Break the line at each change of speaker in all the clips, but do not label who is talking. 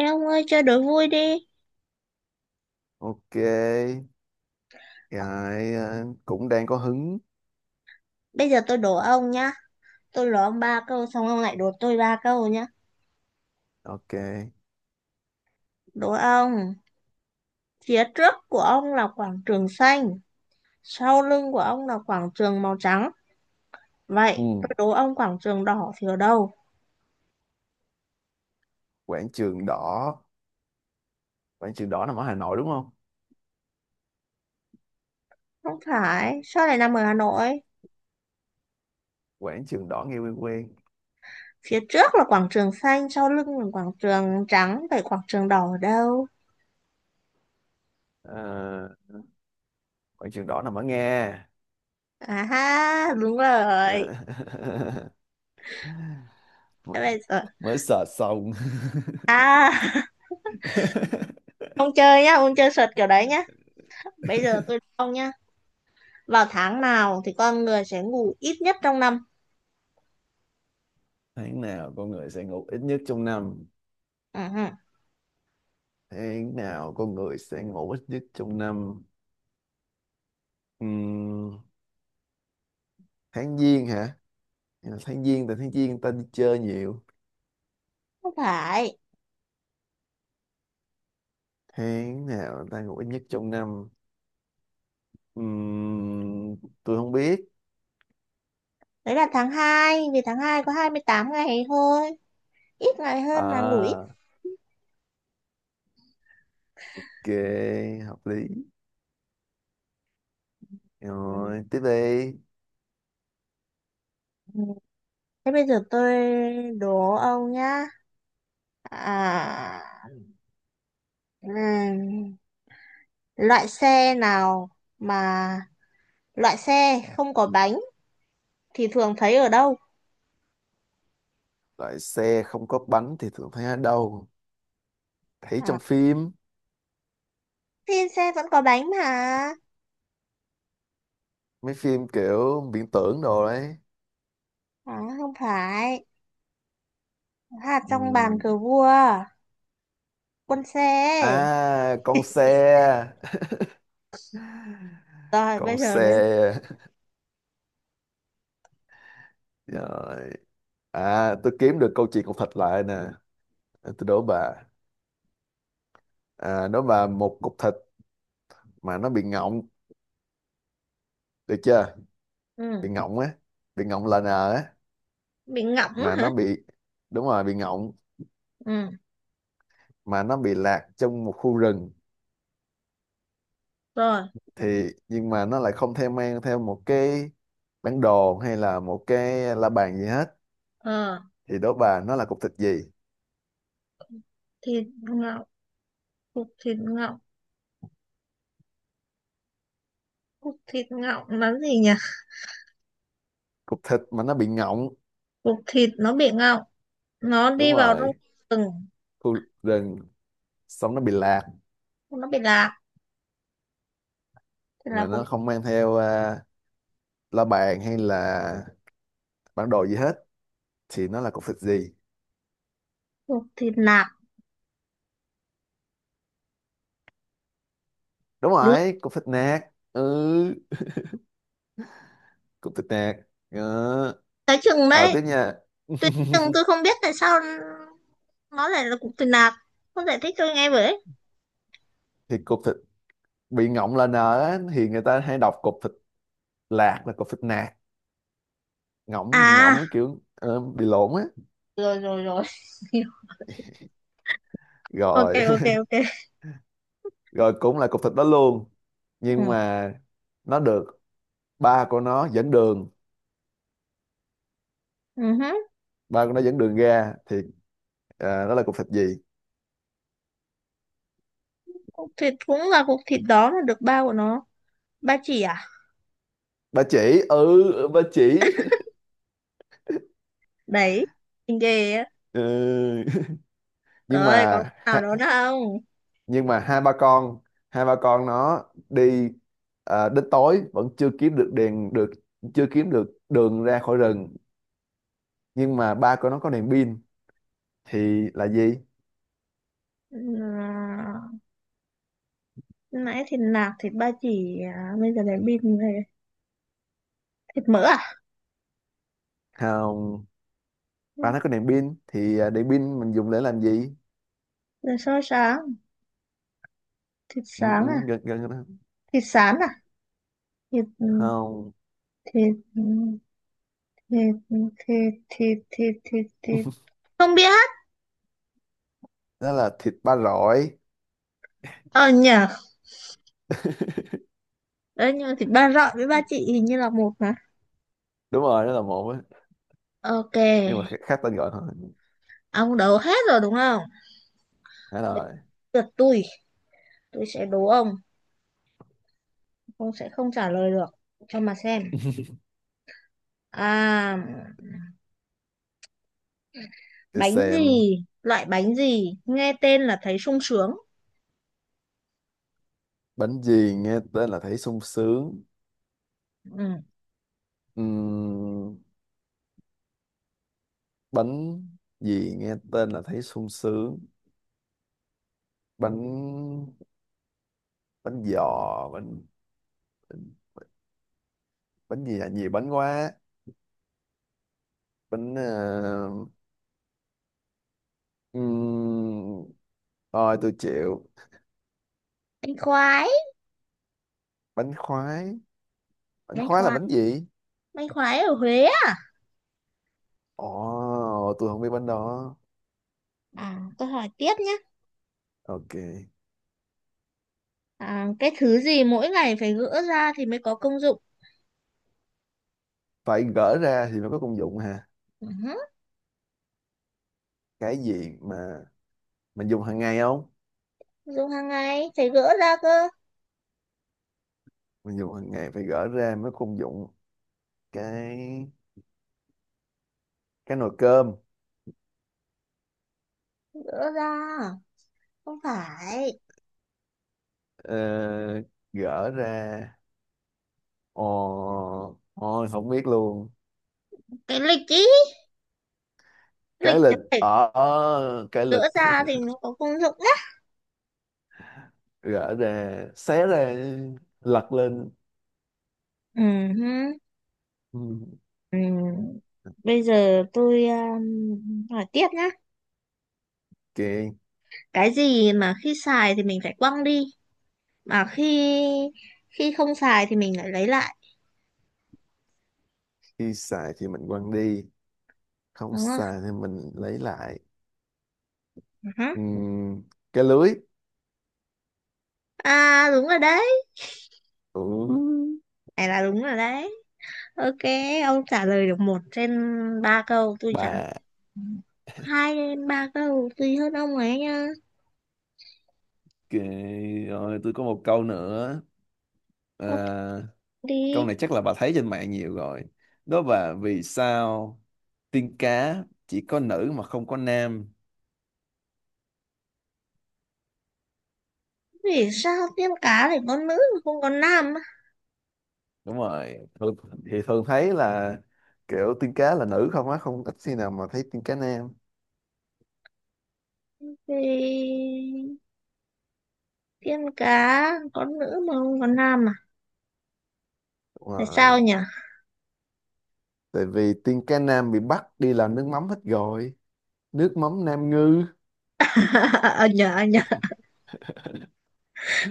Ê ông ơi, chơi đố vui đi.
Ok. Cũng đang có hứng.
Bây giờ tôi đố ông nhá. Tôi đố ông ba câu xong ông lại đố tôi ba câu nhá.
Ok.
Đố ông: phía trước của ông là quảng trường xanh, sau lưng của ông là quảng trường màu trắng, vậy
Ừ.
tôi đố ông quảng trường đỏ thì ở đâu?
Quảng trường đỏ, quảng trường đỏ nằm ở Hà Nội đúng không?
Không phải. Sao lại nằm ở Hà Nội?
Quảng trường đỏ nghe quen quen.
Phía trước là quảng trường xanh, sau lưng là quảng trường trắng, vậy quảng trường đỏ ở đâu?
Ờ, Quảng trường đỏ nằm ở Nga.
À ha, đúng rồi.
Ờ, mới,
Thế bây giờ.
mới search xong.
À, ông chơi nhá, ông chơi sượt kiểu đấy nhá. Bây giờ tôi đố ông nhá. Vào tháng nào thì con người sẽ ngủ ít nhất trong năm?
Tháng nào con người sẽ ngủ ít nhất trong năm?
Ừ,
Tháng nào con người sẽ ngủ ít nhất trong năm? Ừm, Tháng giêng hả? Tháng giêng, tại tháng giêng người ta đi chơi nhiều.
không phải.
Tháng nào ta ngủ ít nhất trong năm? Ừm, tôi không biết.
Đấy là tháng 2 vì tháng 2 có 28 ngày thôi. Ít ngày hơn là ngủ ít.
À, ok, hợp lý.
Ừ.
Rồi, tiếp đi.
Thế bây giờ tôi đố ông nhá. À, ừm, loại xe nào mà loại xe không có bánh thì thường thấy ở đâu?
Loại xe không có bánh thì thường thấy ở đâu? Thấy
À,
trong phim,
thì xe vẫn có bánh mà.
mấy phim kiểu viễn tưởng đồ đấy.
À, không phải. Hạt trong bàn
Ừm.
cờ vua. Quân xe.
À, con xe.
Rồi
Con
bây giờ đến.
xe. Rồi. À, tôi kiếm được câu chuyện cục thịt lại nè. Tôi đố bà. À, đố bà một cục thịt mà nó bị ngọng, được chưa?
Ừ.
Bị ngọng á, bị ngọng là nờ á,
Bị ngọng á
mà
hả?
nó bị, đúng rồi bị ngọng,
Ừ,
mà nó bị lạc trong một khu rừng,
rồi,
thì nhưng mà nó lại không theo mang theo một cái bản đồ hay là một cái la bàn gì hết,
ờ,
thì đố bà nó là cục thịt gì.
thịt ngọng, cục thịt ngọng, cục thịt ngọng là gì nhỉ?
Cục thịt mà nó bị ngọng.
Cục thịt nó bị ngọng, nó
Đúng
đi vào trong
rồi.
rừng,
Khu rừng, xong nó bị lạc,
nó bị lạc thì
mà
là cục,
nó không mang theo à, la bàn hay là bản đồ gì hết, thì nó là cục thịt gì.
cục thịt lạc.
Đúng
Đúng.
rồi, cục thịt nạc. Ừ, cục thịt nạc. Ờ.
Cái chừng
Ờ,
đấy
tiếp nha.
tôi chừng tôi không biết tại sao nó lại là cục thịt lạc, không giải thích tôi nghe với.
Thì cục thịt bị ngọng là n á, thì người ta hay đọc cục thịt lạc là cục thịt nạc, ngọng bị
À
ngọng cái kiểu bị lộn á.
rồi rồi rồi ok
Rồi.
ok ok
Rồi, cũng là cục thịt đó luôn,
Ừ.
nhưng mà nó được ba của nó dẫn đường.
Uh.
Ba của nó dẫn đường ra thì à, đó là cục thịt gì?
Cục thịt cũng là cục thịt đó mà được bao của nó, ba chỉ à?
Ba chỉ, ừ ba chỉ.
Đấy, mình ghê á.
Ừ. Nhưng
Rồi, còn
mà,
nào đó nữa không?
nhưng mà hai ba con, hai ba con nó đi ờ, đến tối vẫn chưa kiếm được đèn được, chưa kiếm được đường ra khỏi rừng, nhưng mà ba của nó có đèn pin thì là gì?
À, nãy thịt nạc, thịt ba chỉ, à, bây giờ đến bịt về. Thịt mỡ à?
Không.
Ừ.
Ba nó có đèn pin thì đèn pin mình dùng để làm gì?
Rồi xôi sáng, thịt
Ừ, ừ,
sáng à?
gần gần cái đó.
Thịt sán à? Thịt,
Không.
thịt, thịt. Không biết.
Đó là thịt ba rọi.
Ờ nhờ. Đấy, nhưng mà thịt ba rọi với ba chị hình như là một mà.
Đúng rồi đó là một á,
Ok,
nhưng mà khác, khác tên gọi thôi.
ông đấu hết rồi đúng không?
Hết
Đến
rồi.
lượt tôi sẽ đố ông. Ông sẽ không trả lời được. Cho mà xem. À...
Để
bánh
xem.
gì? Loại bánh gì nghe tên là thấy sung sướng?
Bánh gì nghe tên là thấy sung sướng?
Ừ.
Ừm, bánh gì nghe tên là thấy sung sướng? Bánh, bánh giò, bánh, bánh gì là nhiều bánh quá. Bánh ừm, thôi tôi chịu.
Bánh khoái.
Bánh khoái? Bánh
Bánh
khoái là
khoái.
bánh gì?
Bánh khoái ở Huế á.
Ồ, tôi không biết bánh đó.
À, tôi hỏi tiếp nhé.
Ok.
À, cái thứ gì mỗi ngày phải gỡ ra thì mới có công dụng?
Phải gỡ ra thì mới có công dụng ha
Ừ.
cái gì mà mình dùng hàng ngày không?
Dùng hàng ngày phải gỡ ra cơ.
Mình dùng hàng ngày phải gỡ ra mới có công dụng. cái cái nồi cơm.
Gỡ ra. Không phải.
Ờ, gỡ ra. Ồ, ôi không biết luôn.
Cái lịch ý.
Cái
Lịch
lịch,
phải
ở ở cái lịch.
gỡ ra thì mới có công dụng nhá.
Gỡ ra, xé ra, lật lên.
Ừ hứ.
Ừ.
Ừ. Bây giờ tôi hỏi tiếp nhé.
Ok.
Cái gì mà khi xài thì mình phải quăng đi, mà khi khi không xài thì mình lại lấy lại,
Khi xài thì mình quăng đi, không
đúng không?
xài thì mình lấy lại.
Ừ hứ.
Ừm, cái lưới.
À đúng rồi đấy,
Ừ.
này là đúng rồi đấy. Ok, ông trả lời được 1/3 câu, tôi trả lời
Bà.
2/3 câu, tùy hơn ông ấy nha.
Ok, rồi tôi có một câu nữa.
Ok,
À,
đi.
câu này chắc là bà thấy trên mạng nhiều rồi. Đó là vì sao tiên cá chỉ có nữ mà không có nam?
Vì sao tiên cá lại có nữ mà không có nam á?
Đúng rồi, thường, thì thường thấy là kiểu tiên cá là nữ không á, không ít khi nào mà thấy tiên cá nam.
Thì tiên cá có nữ mà không có nam à?
Đúng
Tại sao
rồi,
nhỉ?
tại vì tiên cá nam bị bắt đi làm nước mắm hết rồi, nước mắm Nam Ngư.
Ờ nhờ, ờ nhờ.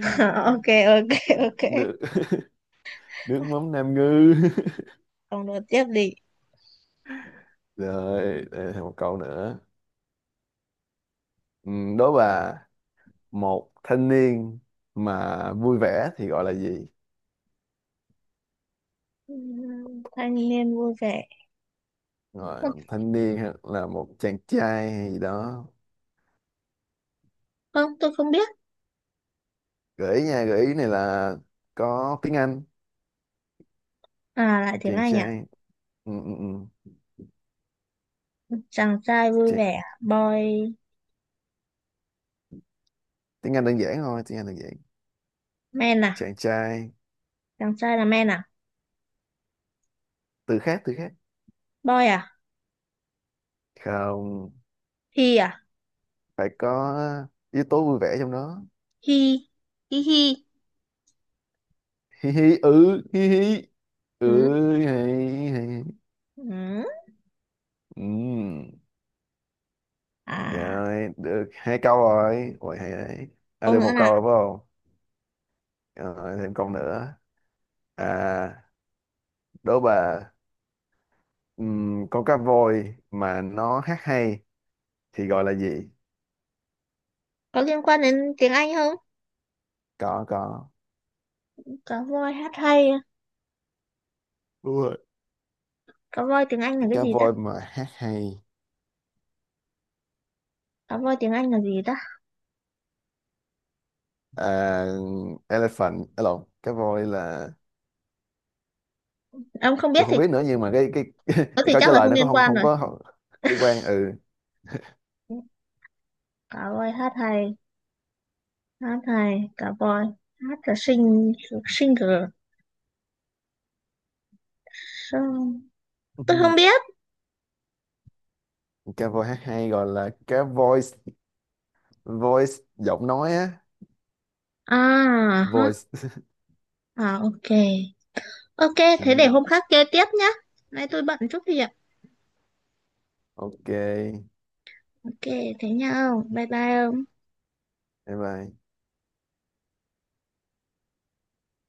ok ok ok
Nước, nước mắm Nam Ngư.
Ông nói tiếp đi.
Rồi đây là một câu nữa. Ừ, đố bà một thanh niên mà vui vẻ thì gọi là gì?
Thanh niên vui vẻ. Không,
Rồi, một thanh niên hay là một chàng trai hay gì đó.
không, tôi không biết.
Gợi ý nha, gợi ý này là có tiếng Anh.
À, lại tiếng
Chàng
Anh à?
trai. Ừ, ừ, ừ.
Chàng trai vui
Chị-
vẻ. Boy.
tiếng Anh đơn giản thôi, tiếng Anh đơn giản.
Man à?
Chàng trai.
Chàng trai là man à?
Từ khác, từ khác.
Boy à?
Không.
He à?
Phải có yếu tố vui vẻ trong đó.
He. He he.
Hi hi, ừ. Hi hi. Ừ.
Ừ.
Hi hi.
Ừ.
Ừ.
À,
Rồi được hai câu rồi. Ôi, hay đấy. À,
câu
được
nữa
một câu
là
rồi phải không? Rồi, thêm câu nữa. À, đố bà. Ừm, con cá voi mà nó hát hay thì gọi là gì?
có liên quan đến tiếng Anh không?
Có có.
Cá voi hát hay.
Đúng rồi,
Cá voi tiếng Anh là cái
cá
gì ta?
voi mà hát hay.
Cá voi tiếng Anh là gì ta?
À, elephant à, lộn, cái voi là,
Ông không biết
tôi
thì
không biết nữa, nhưng mà cái
có
cái
thì
câu
chắc
trả
là
lời
không
nó có
liên
không?
quan
Không
rồi.
có không, không liên quan ừ.
Cá voi hát hay. Hát hay. Cá voi. Hát là sing, singer. Song-. Tôi
Ừm,
không biết.
cá voi hát hay gọi là cá voice, voice giọng nói á.
À.
Voice.
À ok. Ok, thế để
Ừ,
hôm khác chơi tiếp nhá. Nay tôi bận chút việc.
ok.
Ok, thế nhau. Bye bye.
Bye bye.